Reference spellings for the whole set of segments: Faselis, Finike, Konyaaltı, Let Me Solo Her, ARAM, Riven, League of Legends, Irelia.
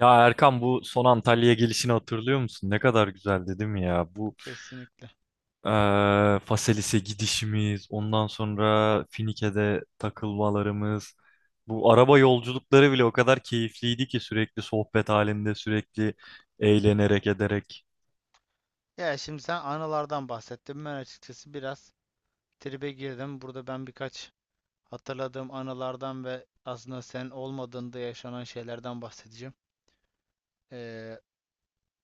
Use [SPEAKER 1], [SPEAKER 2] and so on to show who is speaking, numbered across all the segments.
[SPEAKER 1] Ya Erkan bu son Antalya'ya gelişini hatırlıyor musun? Ne kadar güzeldi değil mi ya? Bu
[SPEAKER 2] Kesinlikle.
[SPEAKER 1] Faselis'e gidişimiz, ondan sonra Finike'de takılmalarımız, bu araba yolculukları bile o kadar keyifliydi ki sürekli sohbet halinde, sürekli eğlenerek ederek.
[SPEAKER 2] Ya, şimdi sen anılardan bahsettin. Ben açıkçası biraz tribe girdim. Burada ben birkaç hatırladığım anılardan ve aslında sen olmadığında yaşanan şeylerden bahsedeceğim. Ee,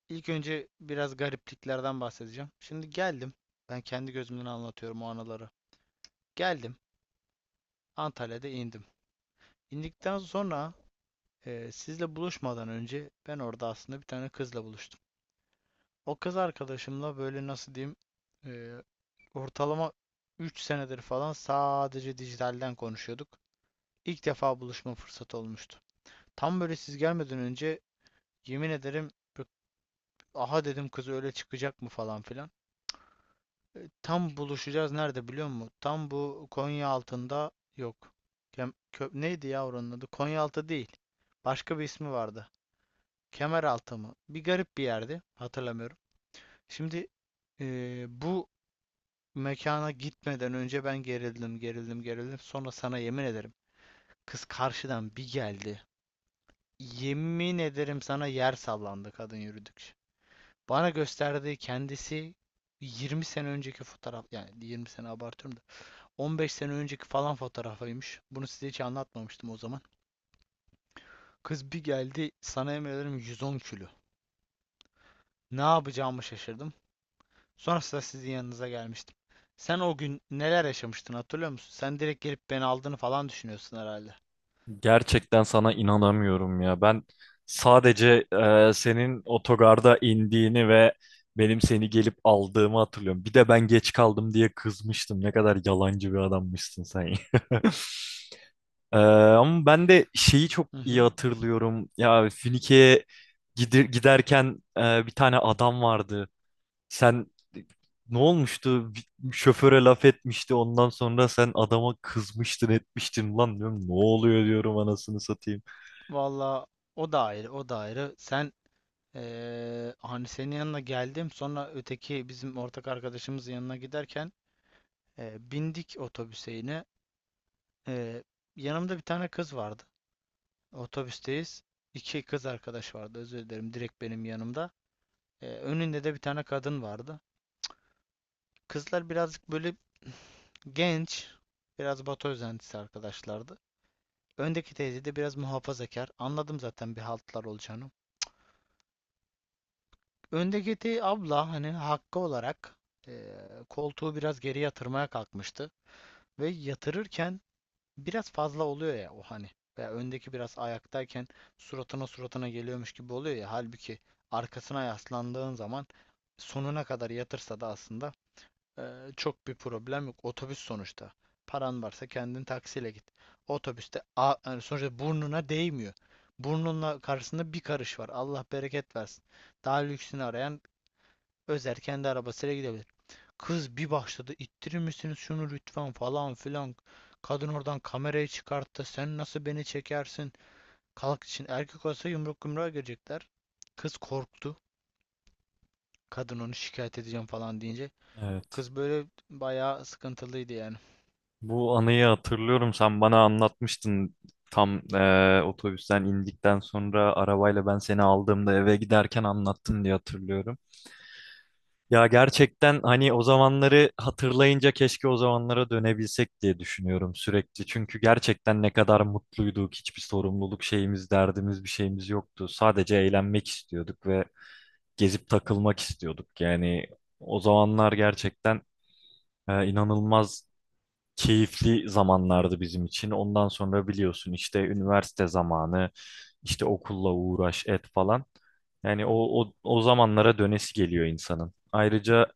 [SPEAKER 2] ilk önce biraz garipliklerden bahsedeceğim. Şimdi geldim. Ben kendi gözümden anlatıyorum o anıları. Geldim. Antalya'da indim. İndikten sonra sizle buluşmadan önce ben orada aslında bir tane kızla buluştum. O kız arkadaşımla, böyle nasıl diyeyim, eee, ortalama 3 senedir falan sadece dijitalden konuşuyorduk. İlk defa buluşma fırsatı olmuştu. Tam böyle siz gelmeden önce, yemin ederim, aha dedim, kız öyle çıkacak mı falan filan. Tam buluşacağız nerede biliyor musun? Tam bu Konya altında, yok. Neydi ya oranın adı? Konyaaltı değil. Başka bir ismi vardı. Kemeraltı mı? Bir garip bir yerdi. Hatırlamıyorum. Şimdi bu mekana gitmeden önce ben gerildim, gerildim, gerildim. Sonra, sana yemin ederim, kız karşıdan bir geldi. Yemin ederim sana, yer sallandı kadın yürüdükçe. Bana gösterdiği kendisi 20 sene önceki fotoğraf, yani 20 sene abartıyorum da 15 sene önceki falan fotoğrafıymış. Bunu size hiç anlatmamıştım o zaman. Kız bir geldi, sana yemin ederim, 110 kilo. Ne yapacağımı şaşırdım. Sonrasında sizin yanınıza gelmiştim. Sen o gün neler yaşamıştın hatırlıyor musun? Sen direkt gelip beni aldığını falan düşünüyorsun herhalde.
[SPEAKER 1] Gerçekten sana inanamıyorum ya. Ben sadece senin otogarda indiğini ve benim seni gelip aldığımı hatırlıyorum. Bir de ben geç kaldım diye kızmıştım. Ne kadar yalancı bir adammışsın sen, ya. Ama ben de şeyi çok
[SPEAKER 2] Hı
[SPEAKER 1] iyi
[SPEAKER 2] hı.
[SPEAKER 1] hatırlıyorum. Ya Finike'ye giderken bir tane adam vardı. Sen ne olmuştu? Bir şoföre laf etmişti. Ondan sonra sen adama kızmıştın, etmiştin. Lan diyorum ne oluyor diyorum anasını satayım.
[SPEAKER 2] Valla, o da ayrı, o da ayrı. Sen, hani senin yanına geldim, sonra öteki bizim ortak arkadaşımızın yanına giderken bindik otobüse yine. Eee, Yanımda bir tane kız vardı. Otobüsteyiz. İki kız arkadaş vardı, özür dilerim. Direkt benim yanımda. Önünde de bir tane kadın vardı. Kızlar birazcık böyle genç, biraz Batı özentisi arkadaşlardı. Öndeki teyze de biraz muhafazakar. Anladım zaten bir haltlar olacağını. Öndeki abla, hani hakkı olarak, koltuğu biraz geri yatırmaya kalkmıştı. Ve yatırırken biraz fazla oluyor ya o, hani. Veya öndeki biraz ayaktayken suratına suratına geliyormuş gibi oluyor ya. Halbuki arkasına yaslandığın zaman sonuna kadar yatırsa da aslında çok bir problem yok. Otobüs sonuçta. Paran varsa kendin taksiyle git. Otobüste yani sonuçta burnuna değmiyor. Burnunla karşısında bir karış var. Allah bereket versin. Daha lüksünü arayan Özer kendi arabasıyla gidebilir. Kız bir başladı, ittirir misiniz şunu lütfen falan filan. Kadın oradan kamerayı çıkarttı. Sen nasıl beni çekersin? Kalk için, erkek olsa yumruk yumruğa girecekler. Kız korktu. Kadın onu şikayet edeceğim falan deyince,
[SPEAKER 1] Evet.
[SPEAKER 2] kız böyle bayağı sıkıntılıydı yani.
[SPEAKER 1] Bu anıyı hatırlıyorum. Sen bana anlatmıştın. Tam otobüsten indikten sonra arabayla ben seni aldığımda eve giderken anlattın diye hatırlıyorum. Ya gerçekten hani o zamanları hatırlayınca keşke o zamanlara dönebilsek diye düşünüyorum sürekli. Çünkü gerçekten ne kadar mutluyduk. Hiçbir sorumluluk şeyimiz, derdimiz, bir şeyimiz yoktu. Sadece eğlenmek istiyorduk ve gezip takılmak istiyorduk. Yani o zamanlar gerçekten inanılmaz keyifli zamanlardı bizim için. Ondan sonra biliyorsun işte üniversite zamanı, işte okulla uğraş et falan. Yani o zamanlara dönesi geliyor insanın. Ayrıca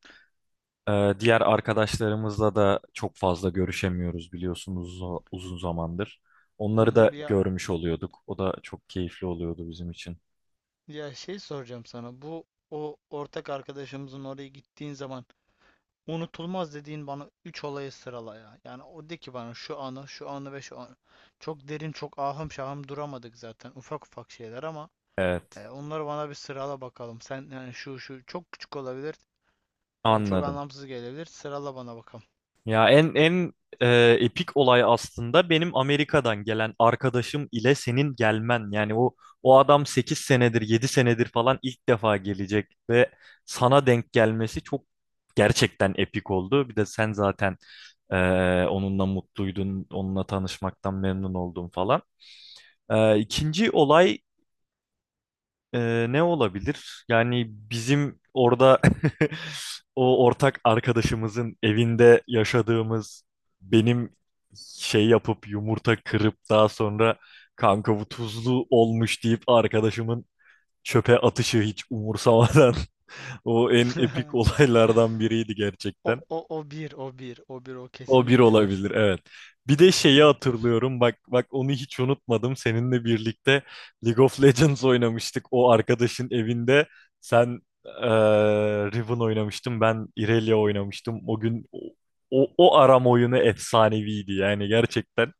[SPEAKER 1] diğer arkadaşlarımızla da çok fazla görüşemiyoruz biliyorsunuz uzun zamandır. Onları da
[SPEAKER 2] Ya,
[SPEAKER 1] görmüş oluyorduk. O da çok keyifli oluyordu bizim için.
[SPEAKER 2] ya, şey soracağım sana. Bu o ortak arkadaşımızın oraya gittiğin zaman unutulmaz dediğin, bana 3 olayı sırala ya. Yani o de ki bana şu anı, şu anı ve şu anı. Çok derin, çok ahım şahım duramadık zaten. Ufak ufak şeyler, ama
[SPEAKER 1] Evet,
[SPEAKER 2] onları bana bir sırala bakalım. Sen, yani şu çok küçük olabilir, çok
[SPEAKER 1] anladım.
[SPEAKER 2] anlamsız gelebilir. Sırala bana bakalım.
[SPEAKER 1] Ya en epik olay aslında benim Amerika'dan gelen arkadaşım ile senin gelmen. Yani o adam 8 senedir, 7 senedir falan ilk defa gelecek ve sana denk gelmesi çok gerçekten epik oldu. Bir de sen zaten e, onunla mutluydun, onunla tanışmaktan memnun oldun falan. İkinci olay ne olabilir? Yani bizim orada o ortak arkadaşımızın evinde yaşadığımız benim şey yapıp yumurta kırıp daha sonra kanka bu tuzlu olmuş deyip arkadaşımın çöpe atışı hiç umursamadan o en epik olaylardan biriydi gerçekten.
[SPEAKER 2] O bir, o bir, o bir, o
[SPEAKER 1] O bir
[SPEAKER 2] kesinlikle bir.
[SPEAKER 1] olabilir evet. Bir
[SPEAKER 2] O
[SPEAKER 1] de şeyi
[SPEAKER 2] kesinlikle bir.
[SPEAKER 1] hatırlıyorum bak bak onu hiç unutmadım. Seninle birlikte League of Legends oynamıştık o arkadaşın evinde. Sen eee Riven oynamıştın ben Irelia oynamıştım. O gün o aram oyunu efsaneviydi yani gerçekten.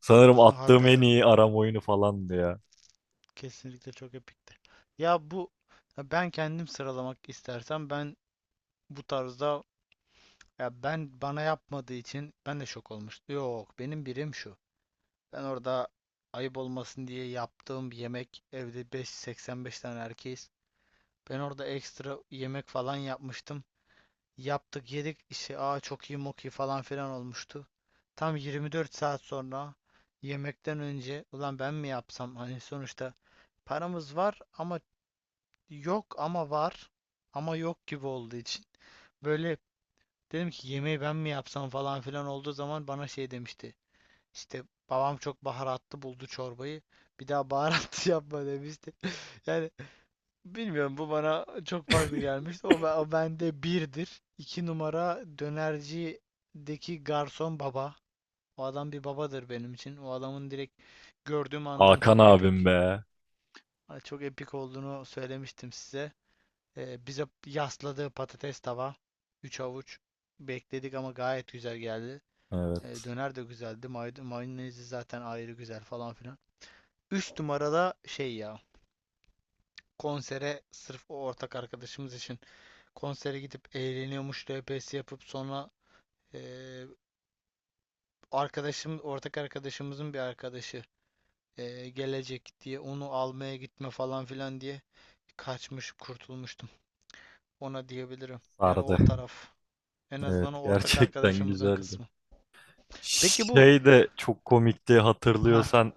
[SPEAKER 1] Sanırım
[SPEAKER 2] O,
[SPEAKER 1] attığım en
[SPEAKER 2] hatta
[SPEAKER 1] iyi aram oyunu falandı ya.
[SPEAKER 2] kesinlikle çok epikti. Ya bu, ya ben kendim sıralamak istersem ben bu tarzda. Ya ben, bana yapmadığı için ben de şok olmuştum. Yok, benim birim şu. Ben orada ayıp olmasın diye yaptığım bir yemek, evde 5 85 tane erkeğiz. Ben orada ekstra yemek falan yapmıştım. Yaptık yedik işte, aa çok iyi mok iyi falan filan olmuştu. Tam 24 saat sonra, yemekten önce, ulan ben mi yapsam, hani sonuçta paramız var ama yok, ama var ama yok gibi olduğu için böyle, dedim ki yemeği ben mi yapsam falan filan olduğu zaman, bana şey demişti. İşte, babam çok baharatlı buldu çorbayı. Bir daha baharatlı yapma demişti. Yani bilmiyorum, bu bana çok farklı gelmişti. O, bende birdir. 2 numara, dönercideki garson baba. O adam bir babadır benim için. O adamın direkt gördüğüm andan
[SPEAKER 1] Hakan
[SPEAKER 2] çok
[SPEAKER 1] abim
[SPEAKER 2] epik,
[SPEAKER 1] be.
[SPEAKER 2] çok epik olduğunu söylemiştim size. Bize yasladığı patates tava. 3 avuç bekledik ama gayet güzel geldi.
[SPEAKER 1] Evet,
[SPEAKER 2] Döner de güzeldi. Mayonezi zaten ayrı güzel falan filan. 3 numarada şey ya. Konsere, sırf o ortak arkadaşımız için konsere gidip eğleniyormuş RPS yapıp, sonra e, arkadaşım, ortak arkadaşımızın bir arkadaşı gelecek diye onu almaya gitme falan filan diye kaçmış, kurtulmuştum. Ona diyebilirim. Yani
[SPEAKER 1] sardı.
[SPEAKER 2] o taraf. En
[SPEAKER 1] Evet
[SPEAKER 2] azından o ortak
[SPEAKER 1] gerçekten
[SPEAKER 2] arkadaşımızın
[SPEAKER 1] güzeldi.
[SPEAKER 2] kısmı. Peki bu,
[SPEAKER 1] Şey de çok komikti
[SPEAKER 2] ha.
[SPEAKER 1] hatırlıyorsan.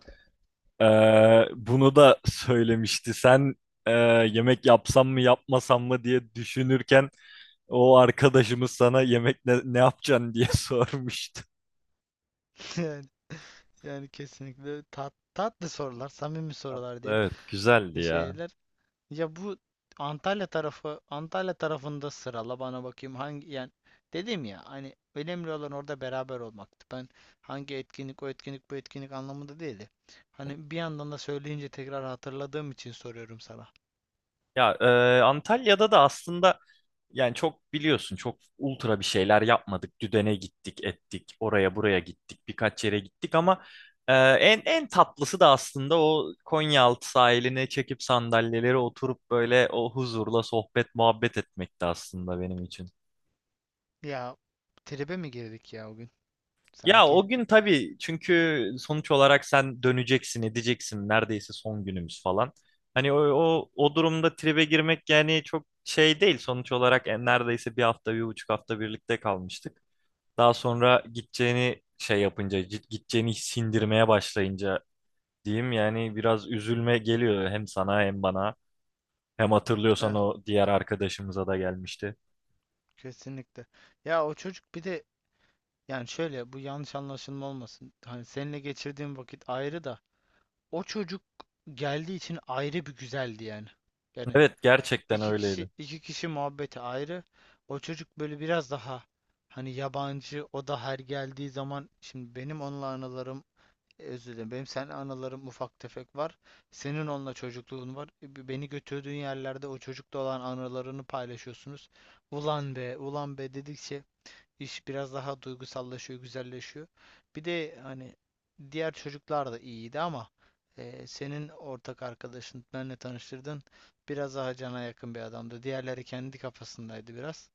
[SPEAKER 1] Bunu da söylemişti. Sen e, yemek yapsam mı yapmasam mı diye düşünürken o arkadaşımız sana yemek ne yapacaksın diye sormuştu.
[SPEAKER 2] Yani, kesinlikle tatlı sorular, samimi sorular diyeyim.
[SPEAKER 1] Evet, güzeldi ya.
[SPEAKER 2] Şeyler. Ya bu Antalya tarafında sırala bana bakayım hangi, yani dedim ya, hani önemli olan orada beraber olmaktı. Ben hangi etkinlik, o etkinlik bu etkinlik anlamında değildi. Hani bir yandan da söyleyince tekrar hatırladığım için soruyorum sana.
[SPEAKER 1] Ya Antalya'da da aslında yani çok biliyorsun çok ultra bir şeyler yapmadık. Düdene gittik, ettik, oraya buraya gittik, birkaç yere gittik ama en tatlısı da aslında o Konyaaltı sahiline çekip sandalyeleri oturup böyle o huzurla sohbet muhabbet etmekti aslında benim için.
[SPEAKER 2] Ya tribe mi girdik ya o gün
[SPEAKER 1] Ya
[SPEAKER 2] sanki?
[SPEAKER 1] o gün tabii çünkü sonuç olarak sen döneceksin, edeceksin. Neredeyse son günümüz falan. Hani o durumda tribe girmek yani çok şey değil. Sonuç olarak neredeyse bir hafta, 1,5 hafta birlikte kalmıştık. Daha sonra gideceğini şey yapınca, gideceğini sindirmeye başlayınca diyeyim yani biraz üzülme geliyor hem sana hem bana. Hem
[SPEAKER 2] Eh,
[SPEAKER 1] hatırlıyorsan o diğer arkadaşımıza da gelmişti.
[SPEAKER 2] kesinlikle. Ya o çocuk bir de, yani şöyle, bu yanlış anlaşılma olmasın. Hani seninle geçirdiğim vakit ayrı da, o çocuk geldiği için ayrı bir güzeldi yani. Yani
[SPEAKER 1] Evet
[SPEAKER 2] şimdi
[SPEAKER 1] gerçekten
[SPEAKER 2] iki kişi
[SPEAKER 1] öyleydi.
[SPEAKER 2] iki kişi muhabbeti ayrı. O çocuk böyle biraz daha hani yabancı, o da her geldiği zaman, şimdi benim onunla anılarım, özür dilerim, benim seninle anılarım ufak tefek var. Senin onunla çocukluğun var. Beni götürdüğün yerlerde o çocukla olan anılarını paylaşıyorsunuz. Ulan be, ulan be dedikçe İş biraz daha duygusallaşıyor, güzelleşiyor. Bir de hani diğer çocuklar da iyiydi ama senin ortak arkadaşın, benle tanıştırdın, biraz daha cana yakın bir adamdı. Diğerleri kendi kafasındaydı biraz.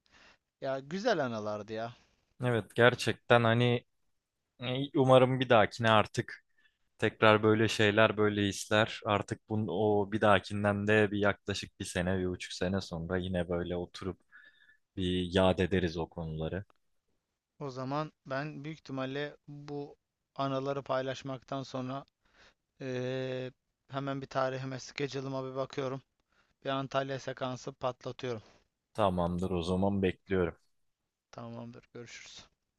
[SPEAKER 2] Ya, güzel anılardı ya.
[SPEAKER 1] Evet gerçekten hani umarım bir dahakine artık tekrar böyle şeyler, böyle işler. Artık bunun o bir dahakinden de bir yaklaşık bir sene, 1,5 sene sonra yine böyle oturup bir yad ederiz o konuları.
[SPEAKER 2] O zaman ben büyük ihtimalle bu anıları paylaşmaktan sonra e, hemen bir tarihime, schedule'ıma bir bakıyorum. Bir Antalya sekansı patlatıyorum.
[SPEAKER 1] Tamamdır o zaman bekliyorum.
[SPEAKER 2] Tamamdır, görüşürüz.